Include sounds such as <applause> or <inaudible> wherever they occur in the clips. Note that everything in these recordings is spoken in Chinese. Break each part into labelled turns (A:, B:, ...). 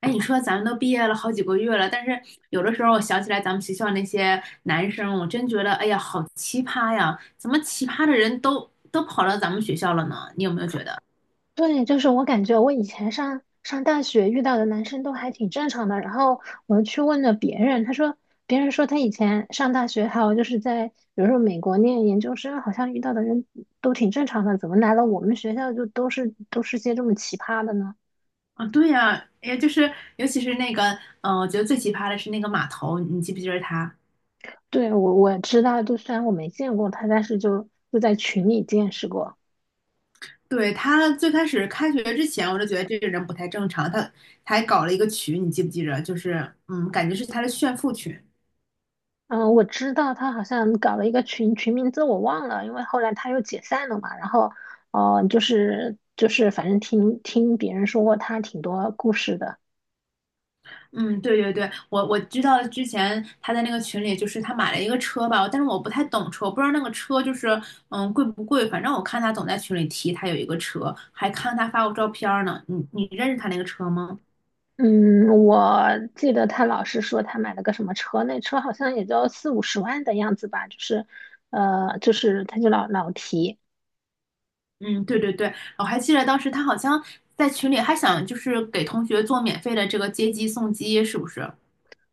A: 哎，你说咱们都毕业了好几个月了，但是有的时候我想起来咱们学校那些男生，我真觉得，哎呀，好奇葩呀！怎么奇葩的人都跑到咱们学校了呢？你有没有觉得？
B: 对，就是我感觉我以前上大学遇到的男生都还挺正常的，然后我去问了别人，他说别人说他以前上大学，还有就是在比如说美国念研究生，好像遇到的人都挺正常的，怎么来了我们学校就都是些这么奇葩的呢？
A: 啊，对呀，哎呀，就是尤其是那个，我觉得最奇葩的是那个码头，你记不记得他？
B: 对，我知道，就虽然我没见过他，但是就在群里见识过。
A: 对，他最开始开学之前，我就觉得这个人不太正常，他还搞了一个群，你记不记得？就是，感觉是他的炫富群。
B: 嗯，我知道他好像搞了一个群，群名字我忘了，因为后来他又解散了嘛。然后，哦、就是，反正听别人说过他挺多故事的。
A: 嗯，对对对，我知道之前他在那个群里，就是他买了一个车吧，但是我不太懂车，我不知道那个车就是贵不贵，反正我看他总在群里提他有一个车，还看他发过照片儿呢。你认识他那个车吗？
B: 嗯，我记得他老是说他买了个什么车，那车好像也就四五十万的样子吧，就是他就老提。
A: 嗯，对对对，我还记得当时他好像在群里还想就是给同学做免费的这个接机送机，是不是？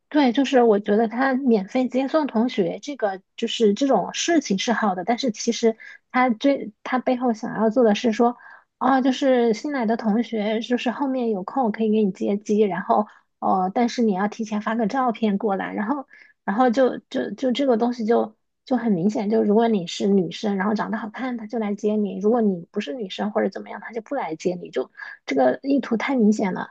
B: 对，就是我觉得他免费接送同学这个就是这种事情是好的，但是其实他背后想要做的是说，啊，就是新来的同学，就是后面有空可以给你接机，然后但是你要提前发个照片过来，然后然后就就就这个东西就很明显，就如果你是女生，然后长得好看，他就来接你；如果你不是女生或者怎么样，他就不来接你，就这个意图太明显了。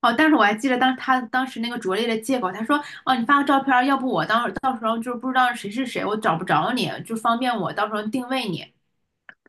A: 哦，但是我还记得当他当时那个拙劣的借口，他说：“哦，你发个照片儿，要不我当到时候就不知道谁是谁，我找不着你，就方便我到时候定位你。<laughs>”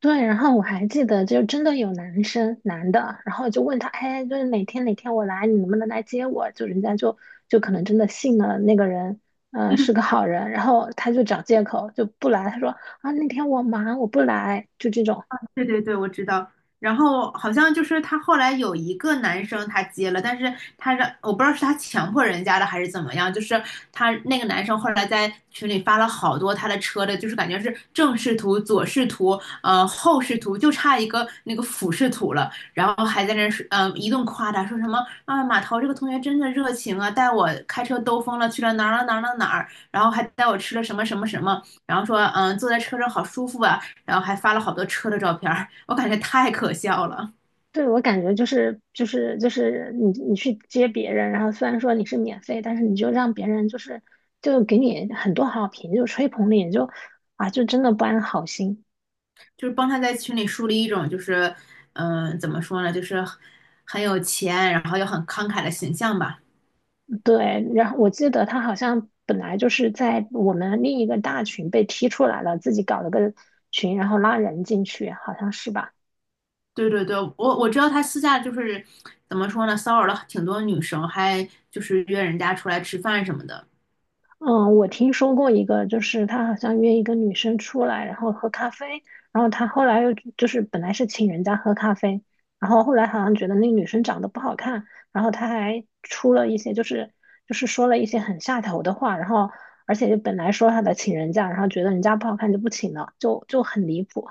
B: 对，然后我还记得，就真的有男的，然后就问他，哎，就是哪天哪天我来，你能不能来接我？就人家就可能真的信了那个人，是个好人，然后他就找借口就不来，他说啊那天我忙我不来，就这种。
A: 对对对，我知道。然后好像就是他后来有一个男生他接了，但是他让我不知道是他强迫人家的还是怎么样，就是他那个男生后来在群里发了好多他的车的，就是感觉是正视图、左视图、后视图，就差一个那个俯视图了。然后还在那儿说一顿夸他，说什么啊马涛这个同学真的热情啊，带我开车兜风了，去了哪儿哪儿哪儿哪儿哪儿，然后还带我吃了什么什么什么，然后说坐在车上好舒服啊，然后还发了好多车的照片儿，我感觉太可笑了。
B: 对，我感觉就是你去接别人，然后虽然说你是免费，但是你就让别人就给你很多好评，就吹捧你，就真的不安好心。
A: 就是帮他在群里树立一种就是，怎么说呢，就是很有钱，然后又很慷慨的形象吧。
B: 对，然后我记得他好像本来就是在我们另一个大群被踢出来了，自己搞了个群，然后拉人进去，好像是吧？
A: 对对对，我知道他私下就是怎么说呢，骚扰了挺多女生，还就是约人家出来吃饭什么的。
B: 嗯，我听说过一个，就是他好像约一个女生出来，然后喝咖啡，然后他后来又就是本来是请人家喝咖啡，然后后来好像觉得那女生长得不好看，然后他还出了一些就是说了一些很下头的话，然后而且就本来说他的请人家，然后觉得人家不好看就不请了，就很离谱。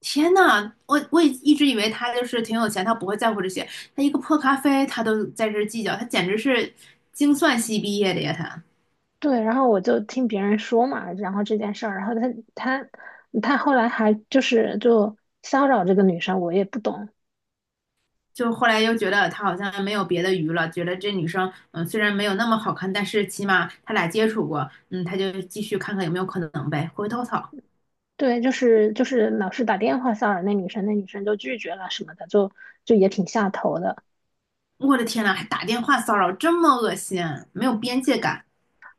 A: 天呐，我也一直以为他就是挺有钱，他不会在乎这些。他一个破咖啡，他都在这儿计较，他简直是精算系毕业的呀！他
B: 对，然后我就听别人说嘛，然后这件事儿，然后他他后来还就骚扰这个女生，我也不懂。
A: 就后来又觉得他好像没有别的鱼了，觉得这女生虽然没有那么好看，但是起码他俩接触过，嗯，他就继续看看有没有可能呗。回头草，
B: 对，老是打电话骚扰那女生，那女生就拒绝了什么的，就也挺下头的。
A: 我的天呐，还打电话骚扰，这么恶心，没有边界感。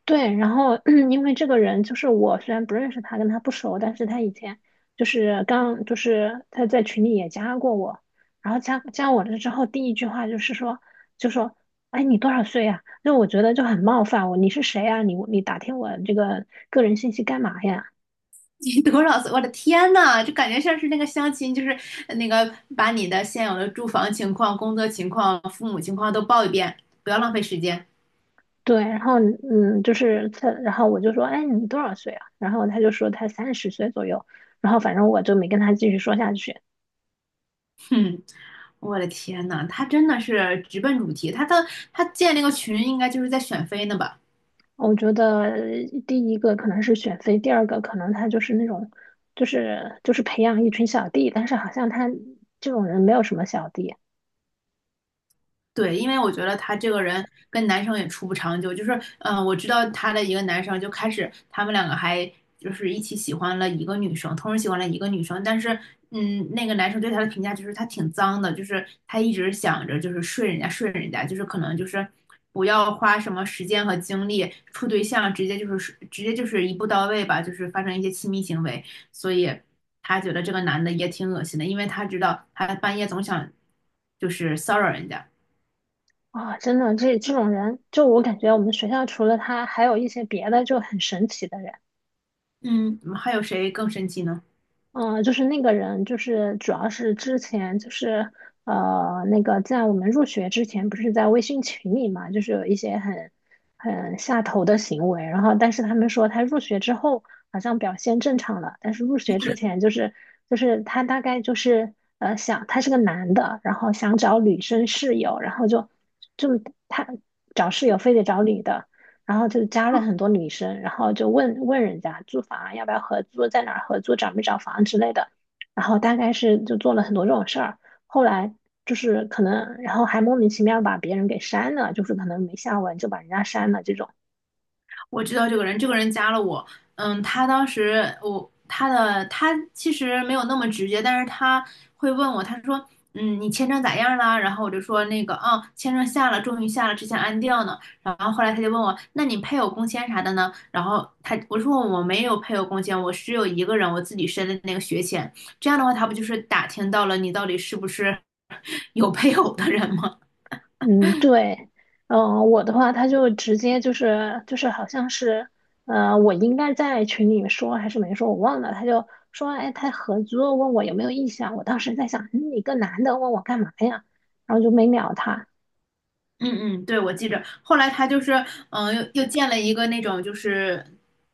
B: 对，然后 <clears throat> 因为这个人就是我，虽然不认识他，跟他不熟，但是他以前就是刚就是他在群里也加过我，然后加我了之后，第一句话就说，哎，你多少岁呀、就我觉得就很冒犯我，你是谁呀、你打听我这个个人信息干嘛呀？
A: 你多少岁？我的天呐，就感觉像是那个相亲，就是那个把你的现有的住房情况、工作情况、父母情况都报一遍，不要浪费时间。
B: 对，然后就是他，然后我就说，哎，你多少岁啊？然后他就说他30岁左右，然后反正我就没跟他继续说下去。
A: 哼，我的天呐，他真的是直奔主题。他建那个群，应该就是在选妃呢吧？
B: 我觉得第一个可能是选妃，第二个可能他就是那种，就是培养一群小弟，但是好像他这种人没有什么小弟
A: 对，因为我觉得他这个人跟男生也处不长久，就是，我知道他的一个男生就开始，他们两个还就是一起喜欢了一个女生，同时喜欢了一个女生，但是，嗯，那个男生对他的评价就是他挺脏的，就是他一直想着就是睡人家睡人家，就是可能就是不要花什么时间和精力处对象，直接就是一步到位吧，就是发生一些亲密行为，所以他觉得这个男的也挺恶心的，因为他知道他半夜总想就是骚扰人家。
B: 啊、真的这种人，就我感觉我们学校除了他，还有一些别的就很神奇的人。
A: 嗯，还有谁更生气呢？
B: 嗯，就是那个人，就是主要是之前那个在我们入学之前，不是在微信群里嘛，就是有一些很下头的行为，然后但是他们说他入学之后好像表现正常了，但是入学之前他大概就是想他是个男的，然后想找女生室友，然后就他找室友非得找女的。然后就加了很多女生，然后就问问人家租房啊要不要合租，在哪儿合租，找没找房之类的，然后大概是就做了很多这种事儿，后来就是可能，然后还莫名其妙把别人给删了，就是可能没下文就把人家删了这种，
A: 我知道这个人，这个人加了我。嗯，他当时我他的他其实没有那么直接，但是他会问我，他说：“嗯，你签证咋样啦？”然后我就说：“那个，啊，签证下了，终于下了，之前安掉呢。”然后后来他就问我：“那你配偶工签啥的呢？”然后我说：“我没有配偶工签，我只有一个人，我自己申的那个学签。这样的话，他不就是打听到了你到底是不是 <laughs> 有配偶的人吗？”
B: 嗯，对，嗯，我的话他就直接就是好像是，我应该在群里面说还是没说，我忘了，他就说，哎，他合租问我有没有意向，我当时在想，嗯你个男的问我干嘛呀，然后就没鸟他。
A: 嗯嗯，对，我记着。后来他就是，嗯、又建了一个那种就是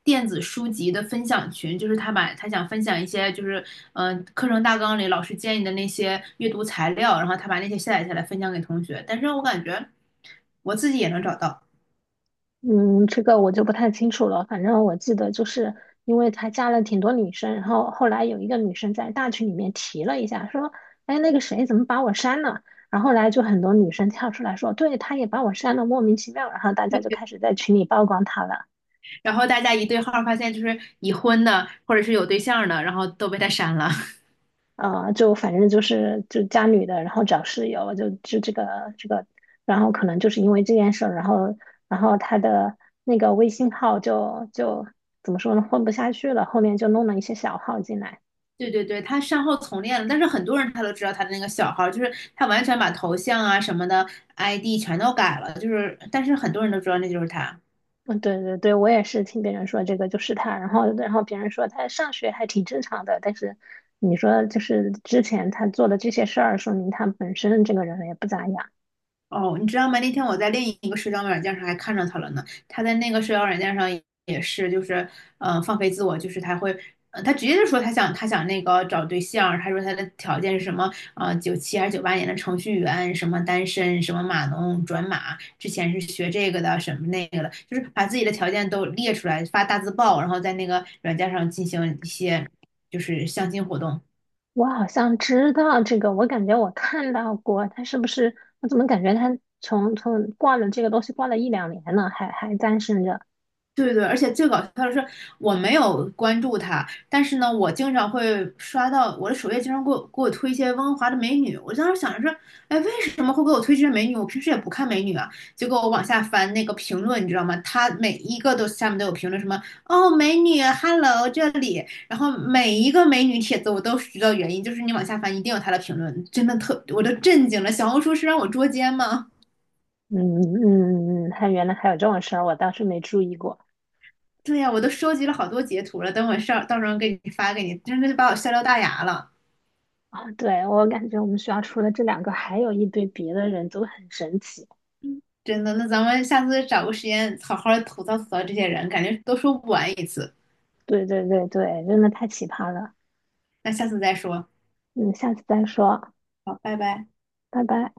A: 电子书籍的分享群，就是他把他想分享一些就是，课程大纲里老师建议的那些阅读材料，然后他把那些下载下来分享给同学。但是我感觉我自己也能找到，
B: 嗯，这个我就不太清楚了。反正我记得，就是因为他加了挺多女生，然后后来有一个女生在大群里面提了一下，说：“哎，那个谁怎么把我删了？”然后后来就很多女生跳出来说：“对，他也把我删了，莫名其妙。”然后大家就开始在群里曝光他了。
A: 然后大家一对号儿发现，就是已婚的或者是有对象儿的，然后都被他删了。
B: 呃，就反正就是就加女的，然后找室友，就这个这个，然后可能就是因为这件事儿，然后他的那个微信号就怎么说呢，混不下去了，后面就弄了一些小号进来。
A: 对对对，他善后从练了，但是很多人他都知道他的那个小号，就是他完全把头像啊什么的 ID 全都改了，就是但是很多人都知道那就是他。
B: 嗯，对对对，我也是听别人说这个就是他，然后别人说他上学还挺正常的，但是你说就是之前他做的这些事儿，说明他本身这个人也不咋样。
A: 哦，你知道吗？那天我在另一个社交软件上还看着他了呢。他在那个社交软件上也是，就是放飞自我，就是他会，呃，他直接就说他想那个找对象，他说他的条件是什么？呃，九七还是九八年的程序员，什么单身，什么码农转码，之前是学这个的，什么那个的，就是把自己的条件都列出来，发大字报，然后在那个软件上进行一些就是相亲活动。
B: 我好像知道这个，我感觉我看到过，他是不是？我怎么感觉他从挂了这个东西挂了一两年了，还单身着？
A: 对对，而且最搞笑的是，我没有关注他，但是呢，我经常会刷到我的首页，经常给我推一些温哥华的美女。我当时想着说，哎，为什么会给我推这些美女？我平时也不看美女啊。结果我往下翻那个评论，你知道吗？他每一个都下面都有评论，什么哦，美女，hello 这里，然后每一个美女帖子我都知道原因，就是你往下翻一定有他的评论，真的特，我都震惊了。小红书是让我捉奸吗？
B: 嗯嗯嗯，他原来还有这种事儿，我倒是没注意过。
A: 对呀，我都收集了好多截图了，等我上到时候给你发给你，真的就把我笑掉大牙了，
B: 啊，对，我感觉我们学校除了这两个，还有一堆别的人都很神奇。
A: 真的。那咱们下次找个时间好好吐槽吐槽这些人，感觉都说不完一次。
B: 对对对对，真的太奇葩了。
A: 那下次再说，
B: 嗯，下次再说，
A: 好，拜拜。
B: 拜拜。